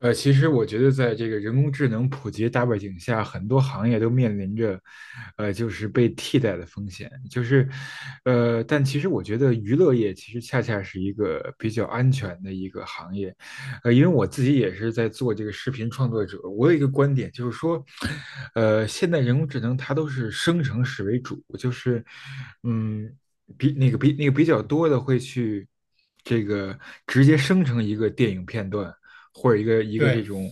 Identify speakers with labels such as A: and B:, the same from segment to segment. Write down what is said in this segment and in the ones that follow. A: 其实我觉得，在这个人工智能普及的大背景下，很多行业都面临着，就是被替代的风险。就是，但其实我觉得娱乐业其实恰恰是一个比较安全的一个行业，因为我自己也是在做这个视频创作者，我有一个观点，就是说，现在人工智能它都是生成式为主，就是，嗯，比那个比那个比较多的会去这个直接生成一个电影片段，或者一个这
B: 对，
A: 种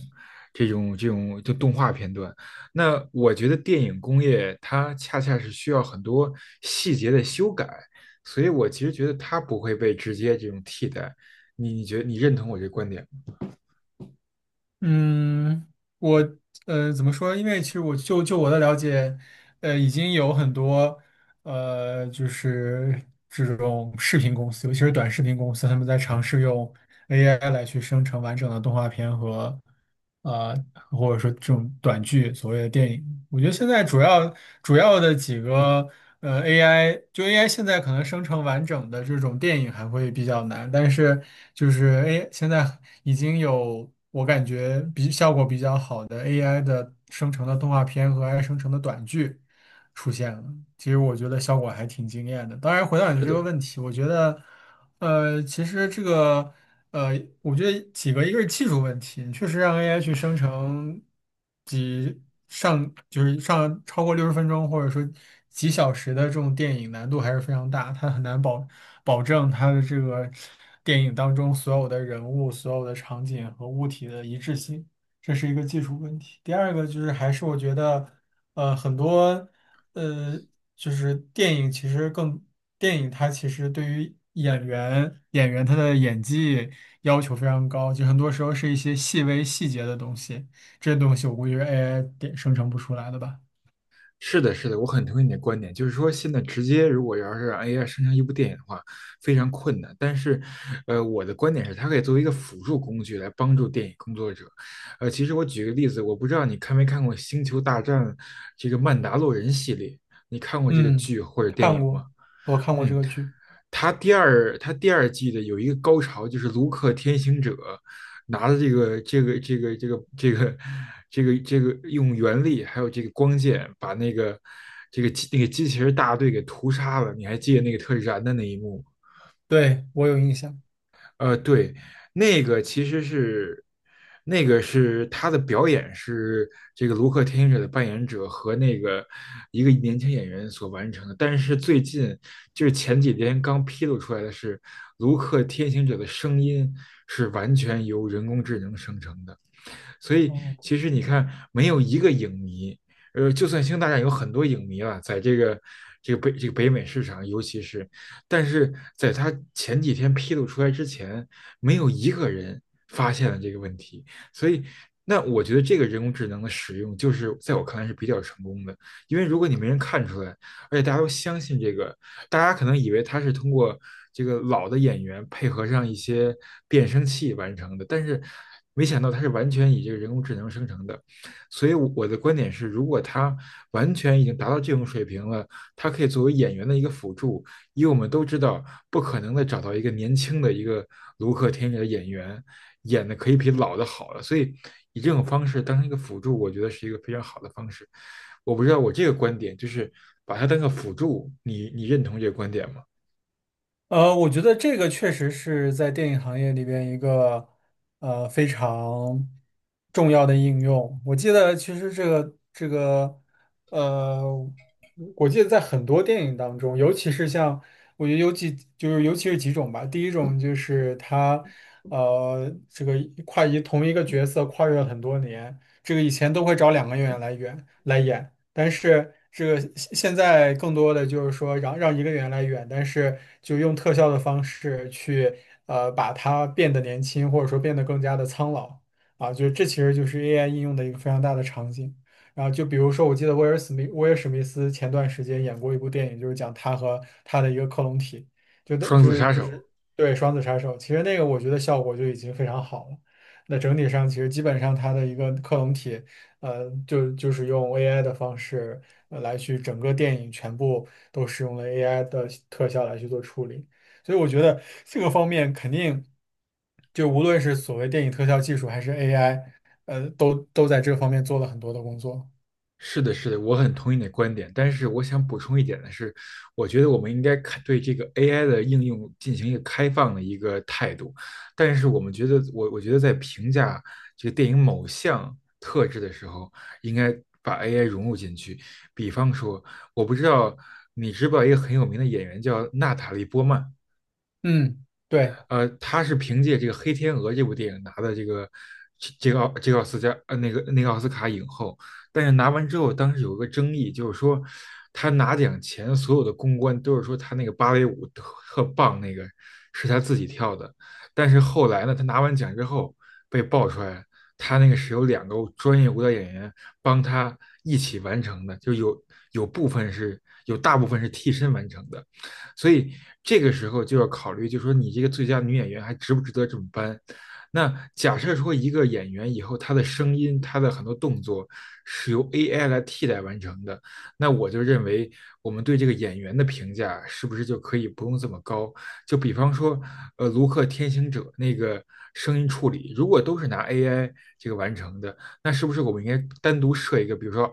A: 就动画片段。那我觉得电影工业它恰恰是需要很多细节的修改，所以我其实觉得它不会被直接这种替代。你觉得你认同我这观点吗？
B: 嗯，我怎么说？因为其实我就我的了解，已经有很多就是种视频公司，尤其是短视频公司，他们在尝试用 AI 来去生成完整的动画片和呃，或者说这种短剧，所谓的电影。我觉得现在主要的几个AI，就 AI 现在可能生成完整的这种电影还会比较难，但是就是 A 现在已经有我感觉效果比较好的 AI 的生成的动画片和 AI 生成的短剧。出现了。其实我觉得效果还挺惊艳的。当然，回到你
A: 是
B: 的这个
A: 的，
B: 问题，我觉得，其实这个，呃，我觉得几个，一个是技术问题，确实让 AI 去生成几上就是上超过60分钟，或者说几小时的这种电影，难度还是非常大，它很难保证它的这个电影当中所有的人物、所有的场景和物体的一致性。这是一个技术问题。第二个就是还是我觉得，呃，很多。呃，就是电影它其实对于演员他的演技要求非常高，就很多时候是一些细微细节的东西，这些东西我估计是 AI 点生成不出来的吧。
A: 是的，是的，我很同意你的观点，就是说现在直接如果要是让 AI 生成一部电影的话，非常困难。但是，我的观点是，它可以作为一个辅助工具来帮助电影工作者。其实我举个例子，我不知道你看没看过《星球大战》这个《曼达洛人》系列，你看过这个
B: 嗯，
A: 剧或者电
B: 看
A: 影
B: 过，
A: 吗？
B: 我看过这
A: 嗯，
B: 个剧，
A: 他第2季的有一个高潮，就是卢克天行者拿了这个用原力还有这个光剑把那个机器人大队给屠杀了。你还记得那个特燃的那一幕？
B: 对，我有印象。
A: 对，那个其实是，那个是他的表演是这个卢克天行者的扮演者和那个一个年轻演员所完成的。但是最近就是前几天刚披露出来的是，卢克天行者的声音是完全由人工智能生成的。所以
B: 哦
A: 其实你看，没有一个影迷，就算《星球大战》有很多影迷了，在这个这个北这个北美市场，尤其是，但是在他前几天披露出来之前，没有一个人发现了这个问题，所以。那我觉得这个人工智能的使用，就是在我看来是比较成功的，因为如果你没人看出来，而且大家都相信这个，大家可能以为他是通过这个老的演员配合上一些变声器完成的，但是没想到他是完全以这个人工智能生成的。所以我的观点是，如果他完全已经达到这种水平了，它可以作为演员的一个辅助，因为我们都知道，不可能的找到一个年轻的一个卢克天里的演员演的可以比老的好了，所以以这种方式当成一个辅助，我觉得是一个非常好的方式。我不知道我这个观点就是把它当个辅助，你认同这个观点吗？
B: 呃，我觉得这个确实是在电影行业里边一个非常重要的应用。我记得其实这个这个呃，我记得在很多电影当中，尤其是像我觉得尤其就是尤其是几种吧。第一种就是他这个同一个角色跨越了很多年，这个以前都会找2个演员来演。但是这个现在更多的就是说让一个人来远，但是就用特效的方式去把它变得年轻，或者说变得更加的苍老啊，就这其实就是 AI 应用的一个非常大的场景。然后就比如说，我记得威尔史密斯前段时间演过一部电影，就是讲他和他的一个克隆体，就的
A: 双
B: 就
A: 子
B: 是
A: 杀
B: 就
A: 手。
B: 是对双子杀手，其实那个我觉得效果就已经非常好了。那整体上其实基本上他的一个克隆体。就是用 AI 的方式来去整个电影全部都使用了 AI 的特效来去做处理，所以我觉得这个方面肯定就无论是所谓电影特效技术还是 AI，都在这个方面做了很多的工作。
A: 是的，是的，我很同意你的观点，但是我想补充一点的是，我觉得我们应该看对这个 AI 的应用进行一个开放的一个态度，但是我们觉得，我觉得在评价这个电影某项特质的时候，应该把 AI 融入进去。比方说，我不知道你知不知道一个很有名的演员叫娜塔莉波曼，
B: 嗯，对。
A: 他是凭借这个《黑天鹅》这部电影拿的这个这个奥这个奥斯加呃那个奥斯卡影后，但是拿完之后，当时有个争议，就是说他拿奖前所有的公关都是说他那个芭蕾舞特特棒，那个是他自己跳的，但是后来呢，他拿完奖之后被爆出来，他那个是有两个专业舞蹈演员帮他一起完成的，就有有部分是有大部分是替身完成的。所以这个时候就要考虑，就是说你这个最佳女演员还值不值得这么颁？那假设说一个演员以后他的声音、他的很多动作是由 AI 来替代完成的，那我就认为我们对这个演员的评价是不是就可以不用这么高？就比方说，卢克《天行者》那个声音处理，如果都是拿 AI 这个完成的，那是不是我们应该单独设一个，比如说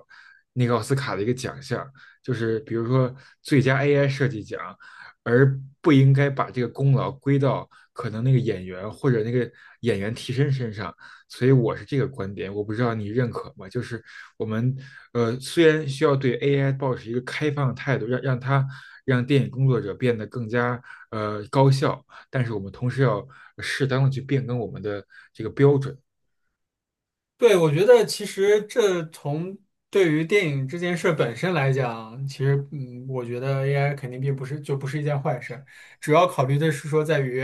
A: 那个奥斯卡的一个奖项，就是比如说最佳 AI 设计奖，而不应该把这个功劳归到可能那个演员或者那个演员替身身上。所以我是这个观点，我不知道你认可吗？就是我们虽然需要对 AI 保持一个开放的态度，让它让电影工作者变得更加高效，但是我们同时要适当的去变更我们的这个标准。
B: 对，我觉得其实对于电影这件事本身来讲，其实我觉得 AI 肯定并不是就不是一件坏事，主要考虑的是说在于，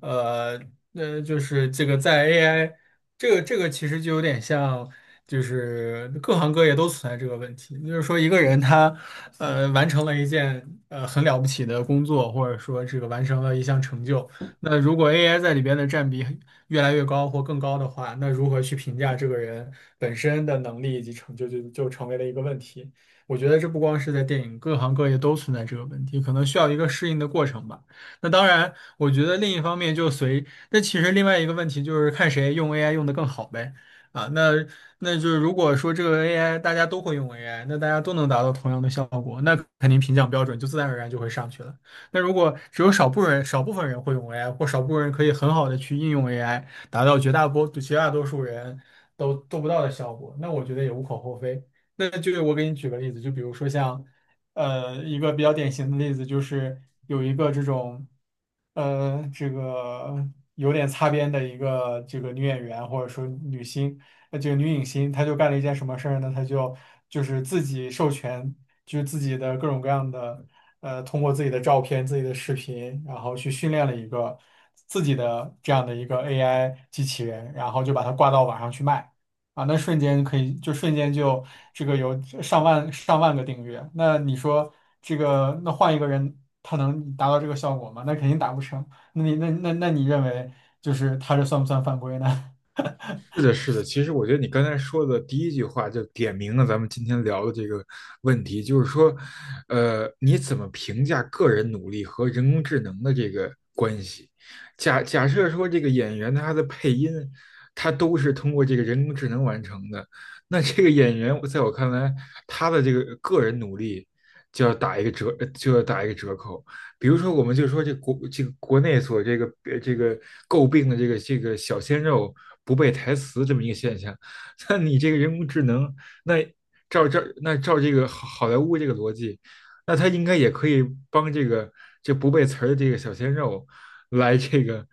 B: 呃那就是这个在 AI 这个这个其实就有点像，就是各行各业都存在这个问题，就是说一个人他完成了一件很了不起的工作，或者说这个完成了一项成就，那如果 AI 在里边的占比，越来越高或更高的话，那如何去评价这个人本身的能力以及成就，就成为了一个问题。我觉得这不光是在电影，各行各业都存在这个问题，可能需要一个适应的过程吧。那当然，我觉得另一方面那其实另外一个问题就是看谁用 AI 用的更好呗。啊，那就是如果说这个 AI 大家都会用 AI，那大家都能达到同样的效果，那肯定评奖标准就自然而然就会上去了。那如果只有少部分人会用 AI，或少部分人可以很好的去应用 AI，达到绝大多数人都做不到的效果，那我觉得也无可厚非。那就我给你举个例子，就比如说一个比较典型的例子就是有一个这种，这个有点擦边的一个这个女演员或者说女星，这个女影星，她就干了一件什么事儿呢？她就是自己授权，就是自己的各种各样的，通过自己的照片、自己的视频，然后去训练了一个自己的这样的一个 AI 机器人，然后就把它挂到网上去卖。啊，那瞬间可以就瞬间就这个有上万上万个订阅，那你说这个那换一个人他能达到这个效果吗？那肯定达不成。那你那那那你认为就是他这算不算犯规呢？
A: 是 的，是的。其实我觉得你刚才说的第一句话就点明了咱们今天聊的这个问题，就是说，你怎么评价个人努力和人工智能的这个关系？假设说这个演员他的配音，他都是通过这个人工智能完成的，那这个演员在我看来，他的这个个人努力就要打一个折，就要打一个折扣。比如说，我们就说这个国内所这个呃这个诟病的这个小鲜肉不背台词这么一个现象，那你这个人工智能，那照这个好莱坞这个逻辑，那它应该也可以帮这个这不背词儿的这个小鲜肉来这个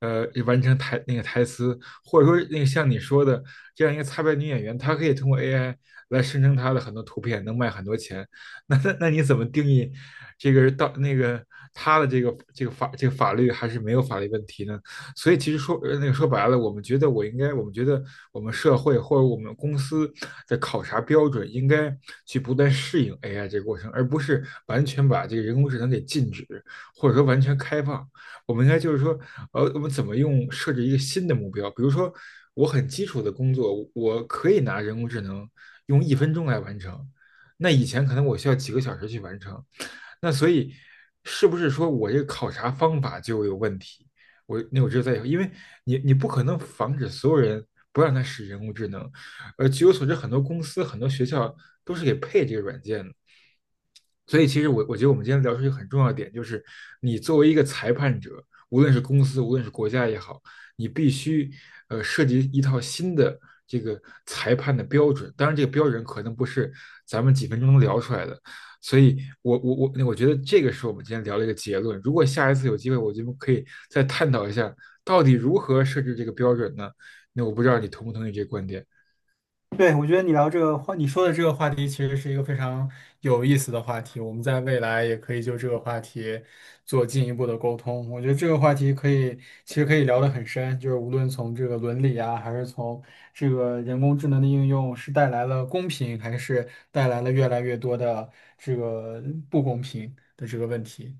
A: 完成台那个台词，或者说那个像你说的这样一个擦边女演员，她可以通过 AI 来生成她的很多图片，能卖很多钱。那你怎么定义这个到那个他的这个这个法这个法律还是没有法律问题呢？所以其实说说白了，我们觉得我们社会或者我们公司的考察标准应该去不断适应 AI 这个过程，而不是完全把这个人工智能给禁止，或者说完全开放。我们应该就是说，我们怎么用设置一个新的目标？比如说，我很基础的工作，我可以拿人工智能用1分钟来完成，那以前可能我需要几个小时去完成，那所以是不是说我这个考察方法就有问题？我只有在以后因为你不可能防止所有人不让他使人工智能，据我所知，很多公司很多学校都是给配这个软件的，所以，其实我觉得我们今天聊出一个很重要的点，就是你作为一个裁判者，无论是公司，无论是国家也好，你必须设计一套新的这个裁判的标准。当然，这个标准可能不是咱们几分钟能聊出来的。所以我觉得这个是我们今天聊了一个结论。如果下一次有机会，我觉得可以再探讨一下，到底如何设置这个标准呢？那我不知道你同不同意这个观点。
B: 对，我觉得你聊这个话，你说的这个话题其实是一个非常有意思的话题。我们在未来也可以就这个话题做进一步的沟通。我觉得这个话题可以，其实可以聊得很深，就是无论从这个伦理啊，还是从这个人工智能的应用是带来了公平，还是带来了越来越多的这个不公平的这个问题。